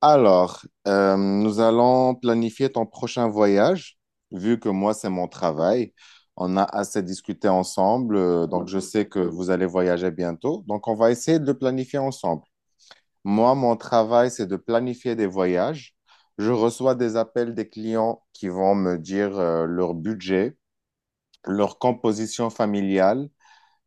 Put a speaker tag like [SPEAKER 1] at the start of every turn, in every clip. [SPEAKER 1] Alors, nous allons planifier ton prochain voyage, vu que moi, c'est mon travail. On a assez discuté ensemble, donc je sais que vous allez voyager bientôt. Donc, on va essayer de le planifier ensemble. Moi, mon travail, c'est de planifier des voyages. Je reçois des appels des clients qui vont me dire, leur budget, leur composition familiale,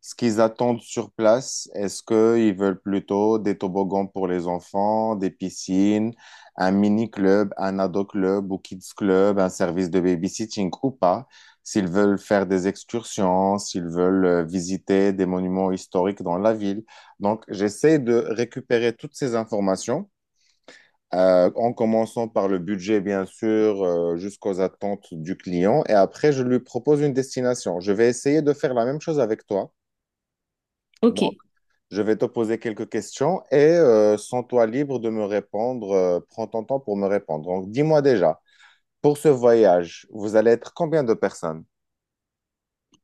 [SPEAKER 1] ce qu'ils attendent sur place. Est-ce qu'ils veulent plutôt des toboggans pour les enfants, des piscines, un mini-club, un ado-club ou kids-club, un service de babysitting ou pas? S'ils veulent faire des excursions, s'ils veulent visiter des monuments historiques dans la ville. Donc, j'essaie de récupérer toutes ces informations, en commençant par le budget, bien sûr, jusqu'aux attentes du client. Et après, je lui propose une destination. Je vais essayer de faire la même chose avec toi.
[SPEAKER 2] Ok,
[SPEAKER 1] Je vais te poser quelques questions et sens-toi libre de me répondre. Prends ton temps pour me répondre. Donc, dis-moi déjà, pour ce voyage, vous allez être combien de personnes?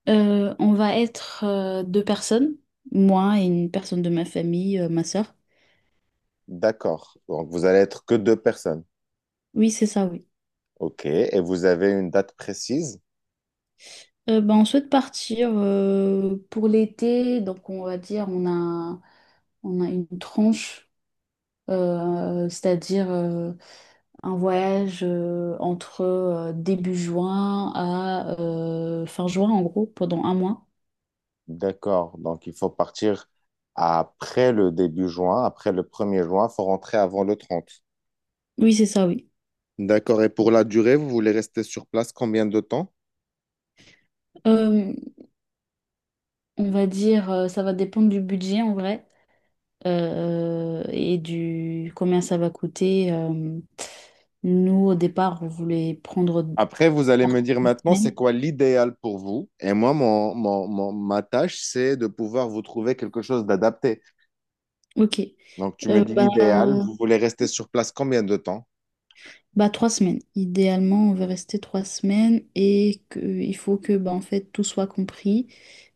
[SPEAKER 2] On va être deux personnes, moi et une personne de ma famille, ma sœur.
[SPEAKER 1] D'accord. Donc, vous allez être que deux personnes.
[SPEAKER 2] Oui, c'est ça, oui.
[SPEAKER 1] OK. Et vous avez une date précise?
[SPEAKER 2] Ben, on souhaite partir pour l'été, donc on va dire on a une tranche, c'est-à-dire un voyage entre début juin à fin juin, en gros, pendant un mois.
[SPEAKER 1] D'accord. Donc, il faut partir après le début juin, après le 1er juin. Il faut rentrer avant le 30.
[SPEAKER 2] Oui, c'est ça, oui.
[SPEAKER 1] D'accord. Et pour la durée, vous voulez rester sur place combien de temps?
[SPEAKER 2] Euh, on va dire, ça va dépendre du budget en vrai. Et du combien ça va coûter. Nous, au départ, on voulait prendre
[SPEAKER 1] Après, vous allez me
[SPEAKER 2] trois
[SPEAKER 1] dire maintenant,
[SPEAKER 2] semaines.
[SPEAKER 1] c'est quoi l'idéal pour vous? Et moi, ma tâche, c'est de pouvoir vous trouver quelque chose d'adapté.
[SPEAKER 2] Ok.
[SPEAKER 1] Donc, tu me
[SPEAKER 2] Euh,
[SPEAKER 1] dis
[SPEAKER 2] bah,
[SPEAKER 1] l'idéal, vous voulez rester sur place combien de temps?
[SPEAKER 2] bah, 3 semaines. Idéalement, on veut rester 3 semaines et que, il faut que bah, en fait, tout soit compris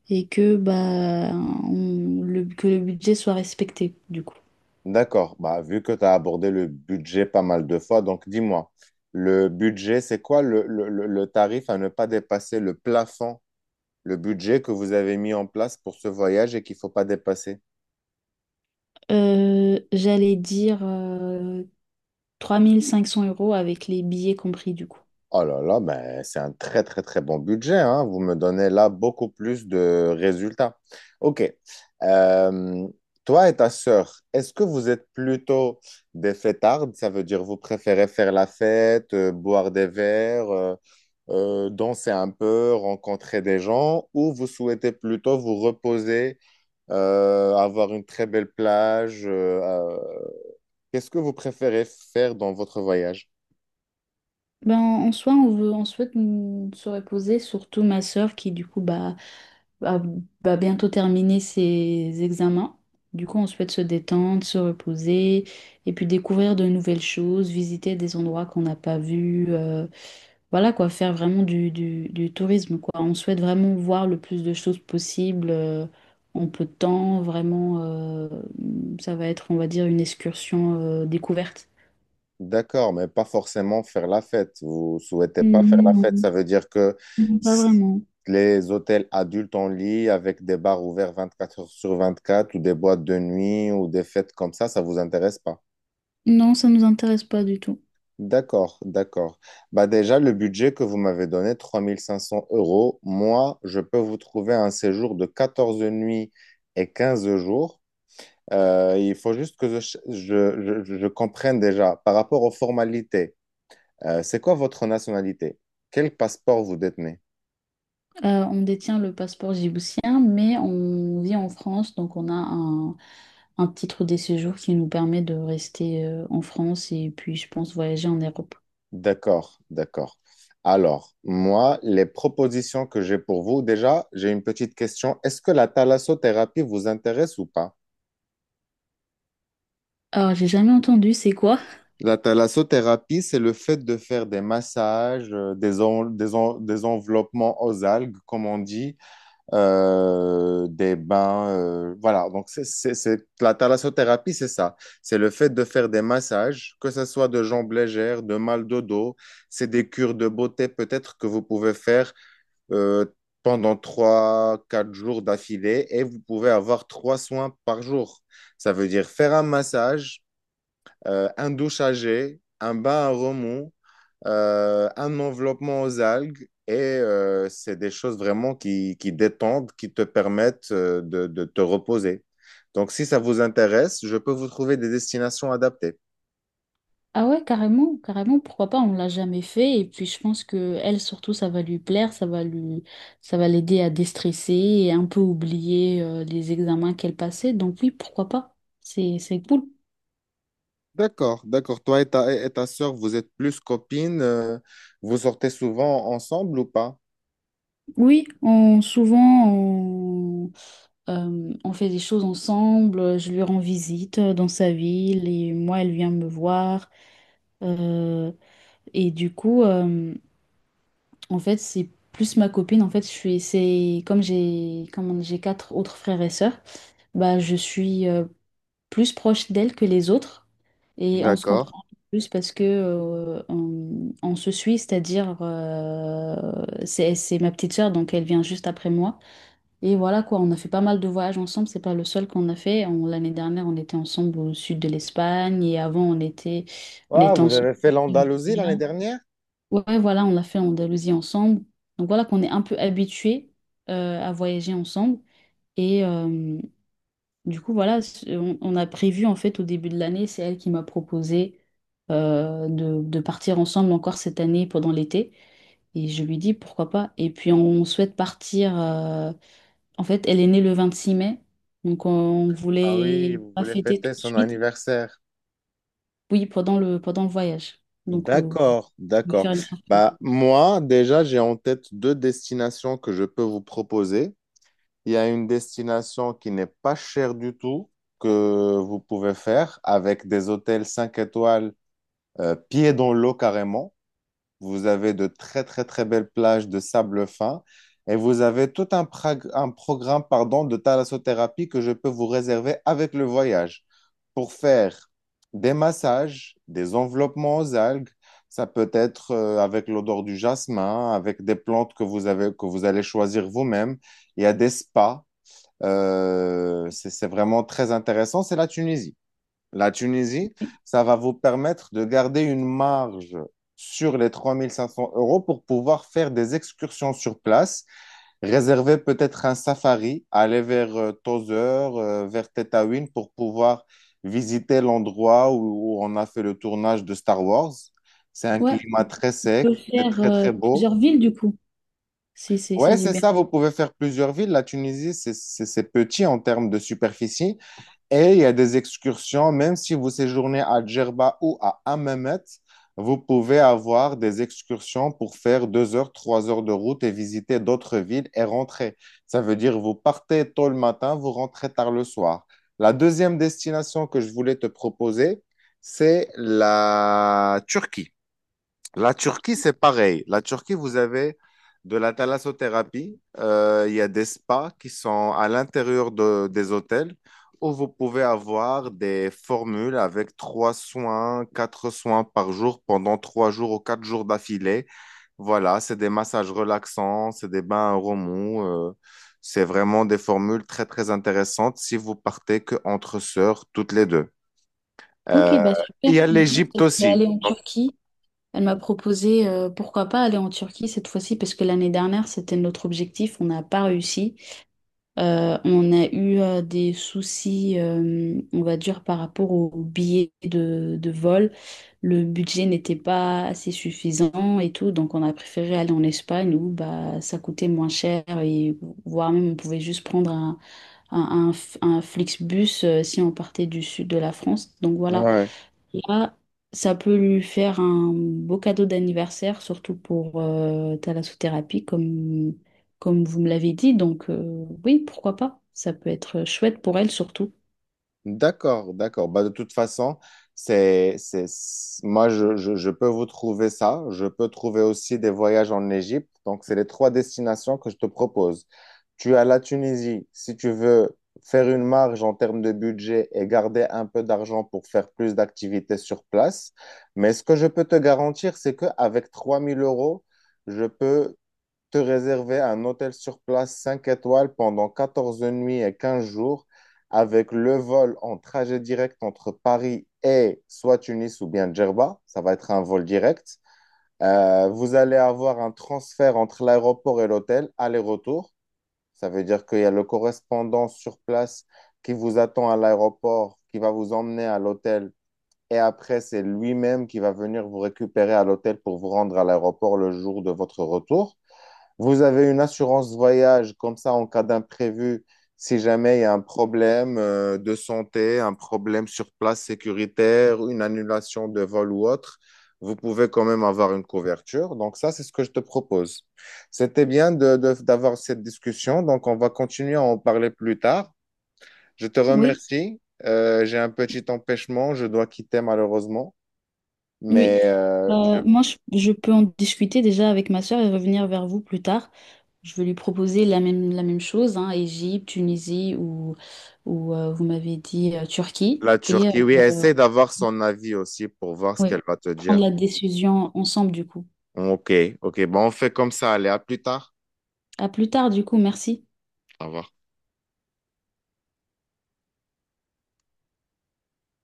[SPEAKER 2] et que, bah, que le budget soit respecté, du coup.
[SPEAKER 1] D'accord. Bah, vu que tu as abordé le budget pas mal de fois, donc dis-moi, le budget, c'est quoi le tarif à ne pas dépasser, le budget que vous avez mis en place pour ce voyage et qu'il ne faut pas dépasser.
[SPEAKER 2] J'allais dire 3 500 € avec les billets compris, du coup.
[SPEAKER 1] Oh là là, mais c'est un très très très bon budget, hein. Vous me donnez là beaucoup plus de résultats. Ok. Euh, Toi et ta sœur, est-ce que vous êtes plutôt des fêtardes? Ça veut dire vous préférez faire la fête, boire des verres, danser un peu, rencontrer des gens, ou vous souhaitez plutôt vous reposer, avoir une très belle plage. Qu'est-ce que vous préférez faire dans votre voyage?
[SPEAKER 2] Ben, en soi, on souhaite se reposer, surtout ma sœur qui, du coup, bah, va, va bientôt terminer ses examens. Du coup, on souhaite se détendre, se reposer et puis découvrir de nouvelles choses, visiter des endroits qu'on n'a pas vus. Voilà quoi, faire vraiment du tourisme quoi. On souhaite vraiment voir le plus de choses possible en peu de temps. Vraiment, ça va être, on va dire, une excursion découverte.
[SPEAKER 1] D'accord, mais pas forcément faire la fête. Vous souhaitez pas faire
[SPEAKER 2] Mm,
[SPEAKER 1] la fête,
[SPEAKER 2] non,
[SPEAKER 1] ça veut dire que
[SPEAKER 2] non, pas
[SPEAKER 1] s-
[SPEAKER 2] vraiment.
[SPEAKER 1] les hôtels adultes en lit avec des bars ouverts 24 heures sur 24 ou des boîtes de nuit ou des fêtes comme ça vous intéresse pas.
[SPEAKER 2] Non, ça ne nous intéresse pas du tout.
[SPEAKER 1] D'accord, d'accord. Bah déjà, le budget que vous m'avez donné, 3500 euros, moi, je peux vous trouver un séjour de 14 nuits et 15 jours. Il faut juste que je comprenne déjà par rapport aux formalités. C'est quoi votre nationalité? Quel passeport vous détenez?
[SPEAKER 2] On détient le passeport djiboutien, mais on vit en France, donc on a un titre de séjour qui nous permet de rester en France et puis, je pense, voyager en Europe.
[SPEAKER 1] D'accord, d'accord. Alors, moi, les propositions que j'ai pour vous, déjà, j'ai une petite question. Est-ce que la thalassothérapie vous intéresse ou pas?
[SPEAKER 2] Alors, j'ai jamais entendu, c'est quoi?
[SPEAKER 1] La thalassothérapie, c'est le fait de faire des massages, des enveloppements aux algues, comme on dit, des bains. Voilà, donc la thalassothérapie, c'est ça. C'est le fait de faire des massages, que ce soit de jambes légères, de mal de dos. C'est des cures de beauté peut-être que vous pouvez faire euh, pendant trois quatre jours d'affilée et vous pouvez avoir trois soins par jour. Ça veut dire faire un massage, un douchage, un bain à remous, un enveloppement aux algues. Et c'est des choses vraiment qui détendent, qui te permettent de te reposer. Donc, si ça vous intéresse, je peux vous trouver des destinations adaptées.
[SPEAKER 2] Ah ouais, carrément, carrément, pourquoi pas, on l'a jamais fait. Et puis, je pense que elle, surtout, ça va lui plaire, ça va l'aider à déstresser et un peu oublier les examens qu'elle passait. Donc oui, pourquoi pas? C'est cool.
[SPEAKER 1] D'accord, d'accord. Toi et ta sœur, vous êtes plus copines, vous sortez souvent ensemble ou pas?
[SPEAKER 2] Oui, souvent, on. On fait des choses ensemble, je lui rends visite dans sa ville et moi, elle vient me voir. Euh, et du coup, en fait, c'est plus ma copine. En fait, c'est comme j'ai quatre autres frères et sœurs, bah, je suis plus proche d'elle que les autres et on se
[SPEAKER 1] D'accord.
[SPEAKER 2] comprend plus parce que on se suit, c'est-à-dire c'est ma petite sœur, donc elle vient juste après moi. Et voilà quoi, on a fait pas mal de voyages ensemble, c'est pas le seul qu'on a fait. L'année dernière, on était ensemble au sud de l'Espagne et avant, on
[SPEAKER 1] Ah,
[SPEAKER 2] était
[SPEAKER 1] vous
[SPEAKER 2] ensemble.
[SPEAKER 1] avez fait l'Andalousie l'année dernière?
[SPEAKER 2] Ouais, voilà, on l'a fait en Andalousie ensemble. Donc voilà qu'on est un peu habitués à voyager ensemble. Et du coup, voilà, on a prévu en fait au début de l'année, c'est elle qui m'a proposé de partir ensemble encore cette année pendant l'été. Et je lui dis pourquoi pas. Et puis on souhaite partir. En fait, elle est née le 26 mai, donc on
[SPEAKER 1] Ah oui,
[SPEAKER 2] voulait
[SPEAKER 1] vous
[SPEAKER 2] pas
[SPEAKER 1] voulez
[SPEAKER 2] fêter tout
[SPEAKER 1] fêter
[SPEAKER 2] de
[SPEAKER 1] son
[SPEAKER 2] suite.
[SPEAKER 1] anniversaire.
[SPEAKER 2] Oui, pendant le voyage. Donc voilà,
[SPEAKER 1] D'accord,
[SPEAKER 2] lui
[SPEAKER 1] d'accord.
[SPEAKER 2] faire une surprise.
[SPEAKER 1] Bah, moi, déjà, j'ai en tête deux destinations que je peux vous proposer. Il y a une destination qui n'est pas chère du tout, que vous pouvez faire avec des hôtels 5 étoiles, pieds dans l'eau carrément. Vous avez de très, très, très belles plages de sable fin. Et vous avez tout un programme, pardon, de thalassothérapie que je peux vous réserver avec le voyage pour faire des massages, des enveloppements aux algues. Ça peut être avec l'odeur du jasmin, avec des plantes que vous avez, que vous allez choisir vous-même. Il y a des spas. C'est vraiment très intéressant. C'est la Tunisie, ça va vous permettre de garder une marge sur les 3 500 € pour pouvoir faire des excursions sur place, réserver peut-être un safari, aller vers Tozeur, vers Tataouine pour pouvoir visiter l'endroit où, où on a fait le tournage de Star Wars. C'est un
[SPEAKER 2] Ouais,
[SPEAKER 1] climat
[SPEAKER 2] on
[SPEAKER 1] très sec,
[SPEAKER 2] peut
[SPEAKER 1] c'est
[SPEAKER 2] faire
[SPEAKER 1] très très beau.
[SPEAKER 2] plusieurs villes du coup,
[SPEAKER 1] Ouais,
[SPEAKER 2] si j'ai
[SPEAKER 1] c'est
[SPEAKER 2] bien.
[SPEAKER 1] ça, vous pouvez faire plusieurs villes. La Tunisie, c'est petit en termes de superficie. Et il y a des excursions, même si vous séjournez à Djerba ou à Hammamet, vous pouvez avoir des excursions pour faire 2 heures, 3 heures de route et visiter d'autres villes et rentrer. Ça veut dire vous partez tôt le matin, vous rentrez tard le soir. La deuxième destination que je voulais te proposer, c'est la Turquie. La Turquie, c'est pareil. La Turquie, vous avez de la thalassothérapie. Il y a des spas qui sont à l'intérieur des hôtels où vous pouvez avoir des formules avec trois soins, quatre soins par jour pendant 3 jours ou 4 jours d'affilée. Voilà, c'est des massages relaxants, c'est des bains à remous. C'est vraiment des formules très, très intéressantes si vous partez que entre sœurs, toutes les deux.
[SPEAKER 2] Ok,
[SPEAKER 1] Euh,
[SPEAKER 2] bah
[SPEAKER 1] il
[SPEAKER 2] super.
[SPEAKER 1] y a
[SPEAKER 2] En plus,
[SPEAKER 1] l'Égypte
[SPEAKER 2] elle voulait
[SPEAKER 1] aussi.
[SPEAKER 2] aller en Turquie. Elle m'a proposé pourquoi pas aller en Turquie cette fois-ci, parce que l'année dernière, c'était notre objectif. On n'a pas réussi. On a eu des soucis, on va dire, par rapport aux billets de vol. Le budget n'était pas assez suffisant et tout, donc on a préféré aller en Espagne où bah, ça coûtait moins cher et voire même on pouvait juste prendre un Flixbus si on partait du sud de la France. Donc voilà,
[SPEAKER 1] Ouais.
[SPEAKER 2] là, ça peut lui faire un beau cadeau d'anniversaire, surtout pour thalassothérapie, comme vous me l'avez dit. Donc oui, pourquoi pas? Ça peut être chouette pour elle surtout.
[SPEAKER 1] D'accord, d'accord. Bah, de toute façon, moi, je peux vous trouver ça. Je peux trouver aussi des voyages en Égypte. Donc, c'est les trois destinations que je te propose. Tu as la Tunisie, si tu veux faire une marge en termes de budget et garder un peu d'argent pour faire plus d'activités sur place. Mais ce que je peux te garantir, c'est qu'avec 3000 euros, je peux te réserver un hôtel sur place 5 étoiles pendant 14 nuits et 15 jours avec le vol en trajet direct entre Paris et soit Tunis ou bien Djerba. Ça va être un vol direct. Vous allez avoir un transfert entre l'aéroport et l'hôtel, aller-retour. Ça veut dire qu'il y a le correspondant sur place qui vous attend à l'aéroport, qui va vous emmener à l'hôtel. Et après, c'est lui-même qui va venir vous récupérer à l'hôtel pour vous rendre à l'aéroport le jour de votre retour. Vous avez une assurance voyage comme ça en cas d'imprévu, si jamais il y a un problème de santé, un problème sur place sécuritaire, une annulation de vol ou autre, vous pouvez quand même avoir une couverture. Donc ça, c'est ce que je te propose. C'était bien d'avoir cette discussion, donc on va continuer à en parler plus tard. Je te
[SPEAKER 2] Oui.
[SPEAKER 1] remercie. J'ai un petit empêchement, je dois quitter malheureusement,
[SPEAKER 2] Oui,
[SPEAKER 1] mais
[SPEAKER 2] moi, je peux en discuter déjà avec ma sœur et revenir vers vous plus tard. Je vais lui proposer la même chose, hein, Égypte, Tunisie ou, vous m'avez dit Turquie.
[SPEAKER 1] la
[SPEAKER 2] Et
[SPEAKER 1] Turquie, oui, essaie d'avoir son avis aussi pour voir ce
[SPEAKER 2] oui,
[SPEAKER 1] qu'elle va te
[SPEAKER 2] prendre
[SPEAKER 1] dire.
[SPEAKER 2] la décision ensemble du coup.
[SPEAKER 1] Ok, ok. Bon, on fait comme ça. Allez, à plus tard.
[SPEAKER 2] À plus tard du coup, merci.
[SPEAKER 1] Au revoir.